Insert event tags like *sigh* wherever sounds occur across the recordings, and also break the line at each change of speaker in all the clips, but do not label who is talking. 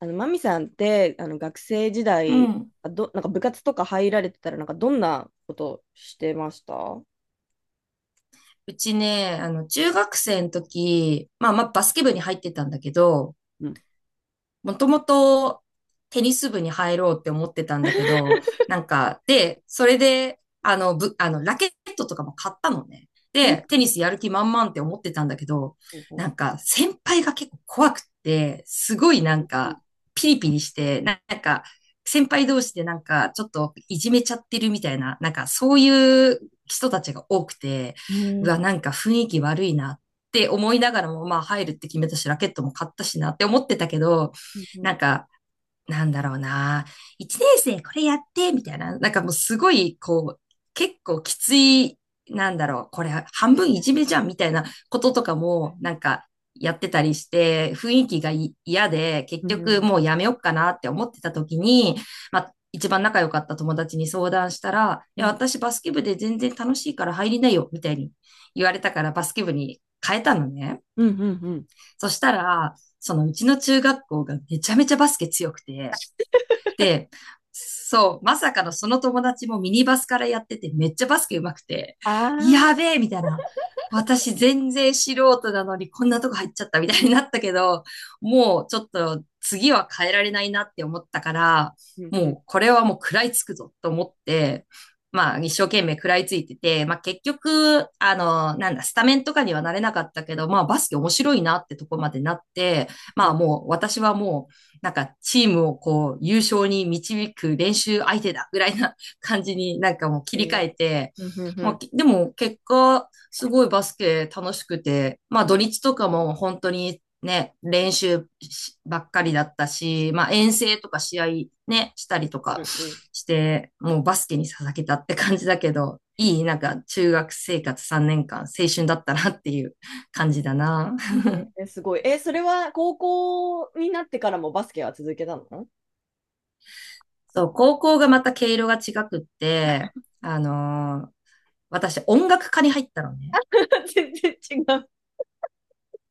マミさんって、学生時
う
代、
ん。
なんか部活とか入られてたら、なんかどんなことしてました？
うちね、中学生の時、まあバスケ部に入ってたんだけど、
うん。
もともとテニス部に入ろうって思ってたんだけど、なんか、で、それで、あの、ぶ、あの、ラケットとかも買ったのね。
え、
で、テニスやる気満々って思ってたんだけど、
ほうほ
先輩が結構怖くって、すごい
う、ん、
ピリピリして、先輩同士でちょっといじめちゃってるみたいな、そういう人たちが多くて、
う
う
ん、
わ、なんか雰囲気悪いなって思いながらも、まあ入るって決めたし、ラケットも買ったしなって思ってたけど、なんか、なんだろうな、1年生これやって、みたいな、なんかもうすごい、こう、結構きつい、これ
え
半分い
ー、
じめじゃん、みたいなこととかも、やってたりして、雰囲気が嫌で、結
うん、うん、うん、う
局
ん、
もうやめよっかなって思ってた時に、まあ、一番仲良かった友達に相談したら、い
う
や、
ん、
私バスケ部で全然楽しいから入りなよ、みたいに言われたからバスケ部に変えたのね。
うん、うん、うん。
そしたら、そのうちの中学校がめちゃめちゃバスケ強くて、で、そう、まさかのその友達もミニバスからやってて、めっちゃバスケ上手くて、
あ
やべ
あ、
えみたいな。私全然素人なのにこんなとこ入っちゃったみたいになったけど、もうちょっと次は変えられないなって思ったから、
うん、うん、
もうこれはもう食らいつくぞと思って、まあ一生懸命食らいついてて、まあ結局、あの、なんだ、スタメンとかにはなれなかったけど、まあバスケ面白いなってとこまでなって、
う
ま
ん、
あもう私はもうなんかチームをこう優勝に導く練習相手だぐらいな感じに *laughs* なんかもう切
え
り
ー
替えて、
うん、うん、
ま
う
あ、
ん、
きでも結果すごいバスケ楽しくて、まあ土日とかも本当にね、練習しばっかりだったし、まあ遠征とか試合ね、したりと
う
か
ん、うん、
して、もうバスケに捧げたって感じだけど、
え
なんか中学生活3年間青春だったなっていう感
ー、
じだな。
えー、すごい。えー、それは高校になってからもバスケは続けたの？
そう、高校がまた毛色が違くって、あのー私音楽科に入ったのね。
*laughs* 全然違う。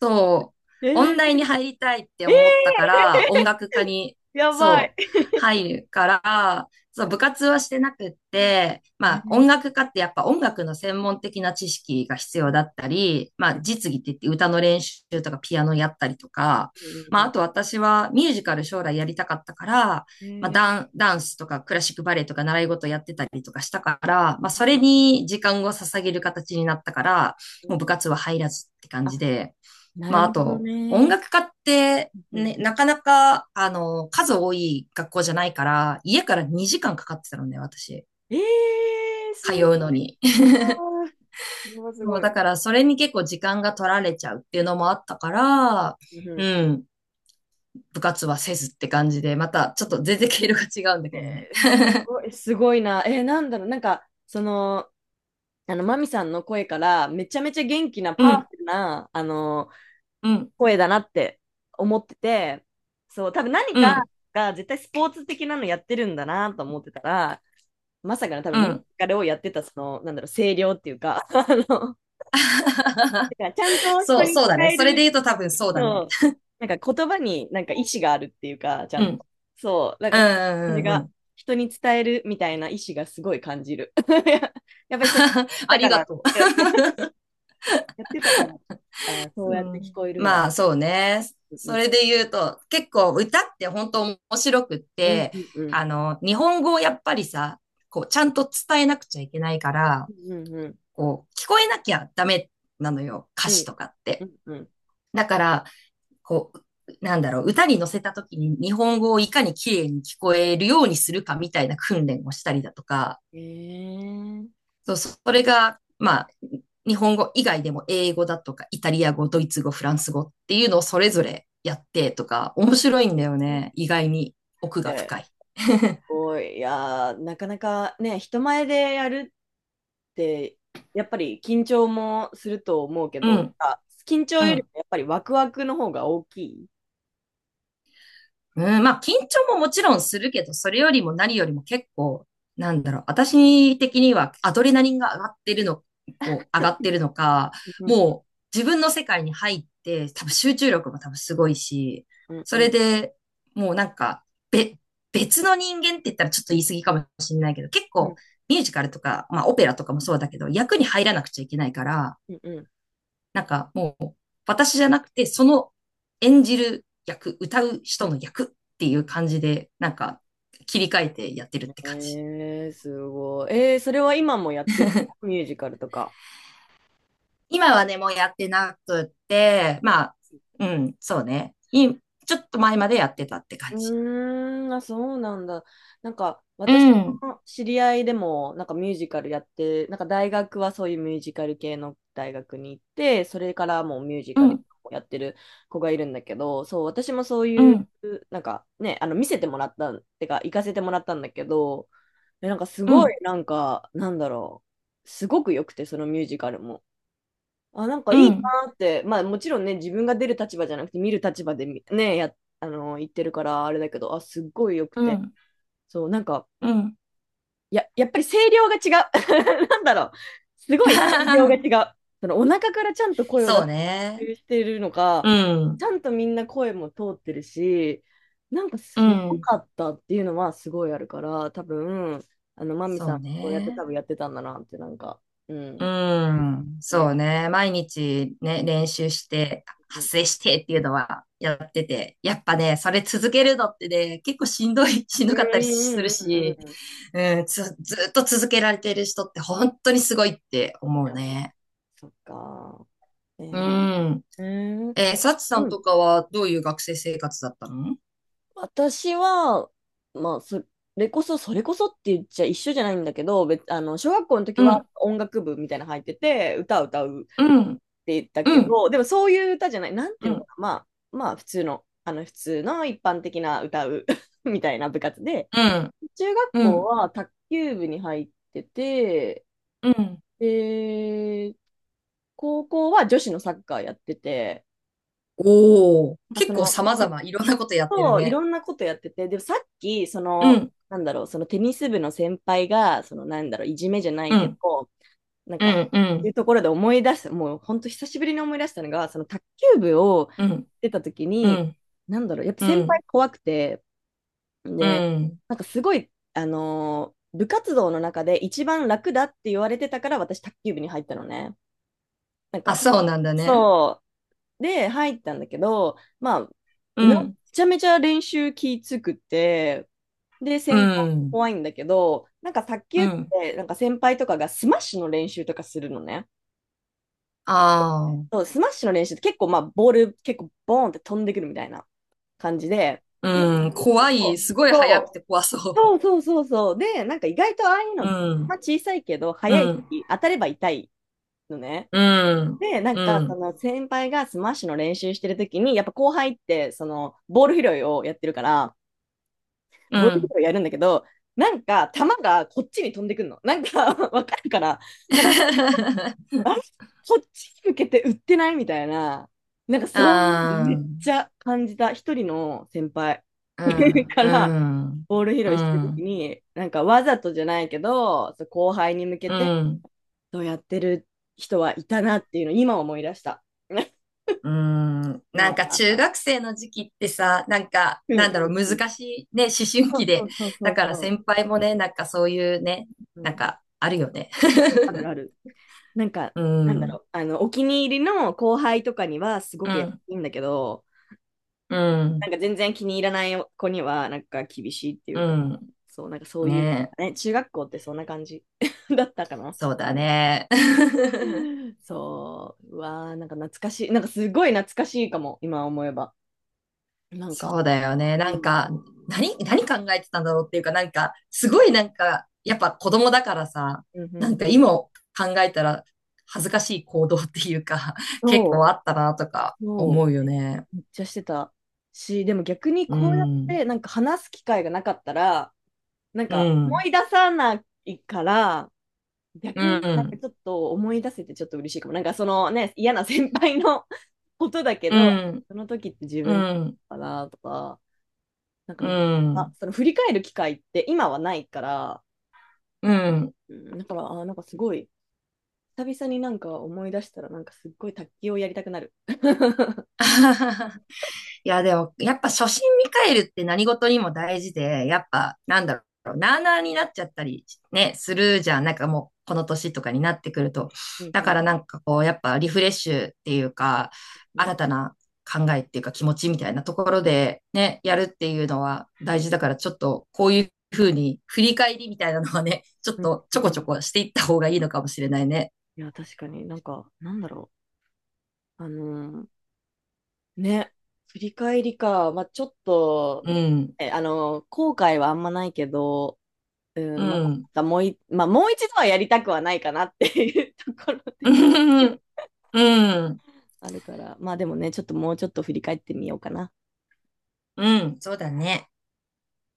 そう、
え
音大
ー、
に入りたいって思った
え
から、音楽科に、
ー、やばい。
そう、
え
入るから、そう、部活はしてなくって、まあ、
ー、
音楽科ってやっぱ音楽の専門的な知識が必
う
要
ん、
だったり、まあ、実技って言って歌の練習とかピアノやったりとか、
う
まあ、あ
ん、
と私はミュージカル将来やりたかったから、
え
まあ、
ー、
ダン、ダンスとかクラシックバレエとか習い事やってたりとかしたから、まあ、それに時間を捧げる形になったから、も
う
う部
ん、
活は入らずって感
あ、
じで、
な
まあ、あ
るほど
と、音
ね。
楽家って、
うん、
ね、なかなか、あの、数多い学校じゃないから、家から2時間かかってたのね、私。
えー、
通
す
う
ご
の
い。
に。
うわ
*laughs*
ー、これはす
そ
ご
う、
い。
だから、それに結構時間が取られちゃうっていうのもあったから、
う
う
ん、
ん、部活はせずって感じで、また、ちょっと全然毛色が違うんだけどね。*laughs*
すごい、すごいな。えー、なんだろう、なんか、その、マミさんの声から、めちゃめちゃ元気な
う
パワ
ん、
フルな、
うん、
声だなって思ってて、そう、多分何
う
か
ん、
が絶対スポーツ的なのやってるんだなと思ってたら、まさかの多分
う
ミュージ
ん。
カルをやってた、その、なんだろう、声量っていうか、*laughs* だからちゃんと
*laughs*
人
そう、
に
そうだ
使
ね。
え
それで
る。
言うと多分そうだ
そ
ね。
う。なんか言葉になんか意志があるっていうか、ちゃ
う
ん
ん。
と。そう。なん
う
かその感じ
ん、うん、うん。う
が、
ん。
人に伝えるみたいな意志がすごい感じる。*laughs* やっぱりそれ
*laughs* あ
だ
り
か
が
ら、
とう。
*laughs* やってたから、あー、そう
う
やって聞
ん。
こえるんだ。
まあそうね。
う
そ
ん、
れで言うと、結構歌って本当面白くっ
うん、
て、
うん、うん、
あの、日本語をやっぱりさ、こう、ちゃんと伝えなくちゃいけないから、
うん、うん、
こう、聞こえなきゃダメなのよ、歌
う
詞
ん、
とかっ
う
て。
ん、うん。
だから、こう、歌に乗せた時に日本語をいかに綺麗に聞こえるようにするかみたいな訓練をしたりだとか、
へえー。
そう、それが、まあ、日本語以外でも英語だとか、イタリア語、ドイツ語、フランス語っていうのをそれぞれやってとか、面白いんだよ
うん、
ね。意外に奥
え
が深
ー、
い。
す
*laughs*
ごい。いやー、なかなかね、人前でやるで、やっぱり緊張もすると思うけ
う
ど、なん
ん、
か緊張
う
より
ん。
もやっぱりワクワクの方が大きい。
うん、まあ、緊張ももちろんするけど、それよりも何よりも結構、私的にはアドレナリンが上がってるの、こう、上がってるのか、
うん、
もう自分の世界に入って、多分集中力も多分すごいし、
うん、う
そ
ん、う
れ
ん、
でもうなんか、べ、別の人間って言ったらちょっと言い過ぎかもしれないけど、結
う
構
ん、
ミュージカルとか、まあオペラとかもそうだけど、役に入らなくちゃいけないから、
うん、
なんかもう、私じゃなくて、その演じる役、歌う
う
人
ん。
の役っていう感じで、なんか切り替えてやってるって感じ。
えー、すごい。えー、それは今もやってるの？ミュージカルとか。
今はね、もうやってなくって、まあ、うん、そうね。ちょっと前までやってたって感
う
じ。
ーん、あ、そうなんだ。なんか、
う
私
ん、
の知り合いでも、なんかミュージカルやって、なんか大学はそういうミュージカル系の大学に行って、それからもうミュージ
う
カル
ん、
をやってる子がいるんだけど、そう、私もそう
う
いう、
ん、
なんかね、見せてもらったん、てか、行かせてもらったんだけど、え、なんかす
う
ごい、
ん、
なんか、なんだろう、すごく良くて、そのミュージカルも。あ、なんか
う
いいな
ん、
って、まあもちろんね、自分が出る立場じゃなくて見る立場でみね、や、言ってるからあれだけど、あ、すっごい良く
う
て。
ん、
そう、なんか、
うん。
やっぱり声量が違う。*laughs* なんだろう。すごい声量が
*laughs*
違う。そのお腹からちゃんと声を出
そうね。
してるのか、
う
ち
ん、
ゃんとみんな声も通ってるし、なんか
う
すご
ん。
かったっていうのはすごいあるから、多分、マミ
そ
さ
う
ん、そうやって多
ね。
分やってたんだなって、なんか、う
う
ん。
ん、
う
そ
ん。
うね。毎日ね、練習して、
うん、
発声してっていうのはやってて、やっぱね、それ続けるのってね、結構しんどい、*laughs* しん
う
どかったりす
ん、う
る
ん、うん、
し、
うん。
うん、ずっと続けられてる人って本当にすごいって
い
思う
や、
ね。
そっか。え
う
ー、
ん。
うーん。
えー、サチさん
うん。
とかはどういう学生生活だったの？
私は、まあ、それこそ、それこそって言っちゃ一緒じゃないんだけど、別、あの、小学校の時
う
は
ん、
音楽部みたいなの入ってて、歌を歌うっ
うん、
て言ったけ
うん、
ど、でもそういう歌じゃない、なんて
う
いうの
ん、
かな、まあ、普通の、普通の一般的な歌う *laughs* みたいな部活で、
うん、
中学
う
校
ん、
は卓球部に入ってて、
うん。
で、高校は女子のサッカーやってて、
おー、
なんかそ
結構
の、
様々いろんなことやってる
そう、い
ね。
ろんなことやってて、でもさっき、そ
う
の、
ん、
なんだろう、そのテニス部の先輩が、その、なんだろう、いじめじゃない
う
け
ん、
ど、なん
う
か、
ん、う
ってい
ん。
うところで思い出す、もう本当久しぶりに思い出したのが、その卓球部を
うん
出た時
う
に、
ん、
なんだろう、やっぱ
う
先輩
ん、
怖くて、
う
で、
ん。
なんかすごい、部活動の中で一番楽だって言われてたから、私、卓球部に入ったのね。なん
あ、
か、
そうなんだね。
そうで、入ったんだけど、まあ、
う
め
ん、
ちゃめちゃ練習きつくて、で、
う
先輩
ん、
怖いんだけど、なんか卓
う
球っ
ん。
て、なんか先輩とかがスマッシュの練習とかするのね。
あ
そう、スマッシュの練習って結構、まあ、ボール結構ボーンって飛んでくるみたいな感じで、
あ、
で、
うん、怖い。すごい早く
そ
て怖
う、
そ
そう、そう、そう、そう。で、なんか意外とああいう
う。う
の、ま
ん、
あ、小さいけど、
う
速い
ん、
し、当たれば痛いのね。
うん、
で、なん
う
か、そ
ん、
の先輩がスマッシュの練習してるときに、やっぱ後輩って、その、ボール拾いをやってるから、
う
ボール
ん。
拾いやるんだけど、なんか、球がこっちに飛んでくるの。なんか、*laughs* わかるから、なんか、
*laughs*
あれ、こっちに向けて打ってないみたいな、なんかそういうの
ああ、
め
う
っ
ん、
ちゃ感じた一人の先輩
う
*laughs*
ん、
からボール
う
拾いしてるとき
ん、
に、なんかわざとじゃないけど、そう、後輩に向け
う
て
ん、
そうやってる人はいたなっていうのを今思い出した。*laughs*
うん。
う
なん
わ
か中
ー、
学生の時期ってさ、
うん、う
難
ん、うん。
しいね、思春
そ
期
う、そ
で。
う、そう、そ
だ
う、
から
そ
先輩もね、なんかそういうね、
う。う
なん
ん。
かあるよね。
ある
*laughs*
ある。なんか、
う
なんだ
ん、
ろう。お気に入りの後輩とかにはすご
う
くやい
ん、
いんだけど、
う
な
ん、
んか全然気に入らない子には、なんか厳しいってい
う
うか、
ん。
そう、なんかそういう、
ねえ、
ね、中学校ってそんな感じ *laughs* だったかな。
そうだね。*laughs*
そう、うわー、なんか懐かしい。なんかすごい懐かしいかも、今思えば。なん
そ
か、
うだよね。
うん。
何考えてたんだろうっていうか、すごい
そ
なんか、やっぱ子供だからさ、
う。うん、う
なん
ん、
か
うん。
今考えたら恥ずかしい行動っていうか、*laughs*
そ
結
う、
構あったなとか
そ
思う
う、
よ
め
ね。
めっちゃしてたし、でも逆に
う
こうやっ
ん、
てなんか話す機会がなかったら、なん
う
か思
ん、
い出さないから、
う
逆になんか
ん、
ちょっと思い出せてちょっと嬉しいかも。なんかそのね、嫌な先輩の *laughs* ことだけ
う
ど、
ん、
その時って自
う
分
ん、うん、
かなとか、なんか
う
なんか、あ、
ん。
その振り返る機会って今はないから、
うん。
うん、だから、あ、なんかすごい、久々になんか思い出したらなんかすっごい卓球をやりたくなる。*laughs*
*laughs* いや、でも、やっぱ初心見返るって何事にも大事で、やっぱ、なあなあになっちゃったりね、するじゃん。なんかもう、この年とかになってくると。
うん、
だ
う
から
ん、
なんかこう、やっぱリフレッシュっていうか、
うん、
新たな考えっていうか気持ちみたいなところでね、やるっていうのは大事だから、ちょっとこういうふうに振り返りみたいなのはね、*laughs* ちょっ
うん、
とち
う
ょ
ん、う
こちょ
ん、
こしていった方がいいのかもしれないね。
いや、確かになんか、なんだろう。ね、振り返りか。まあ、ちょっと、
うん、
え、後悔はあんまないけど、う
う
ん、ま
ん、
たもうい、まあ、もう一度はやりたくはないかなっていう *laughs* ところでは
うん、うん、
あるから、まあでもね、ちょっともうちょっと振り返ってみようかな。
うん、そうだね。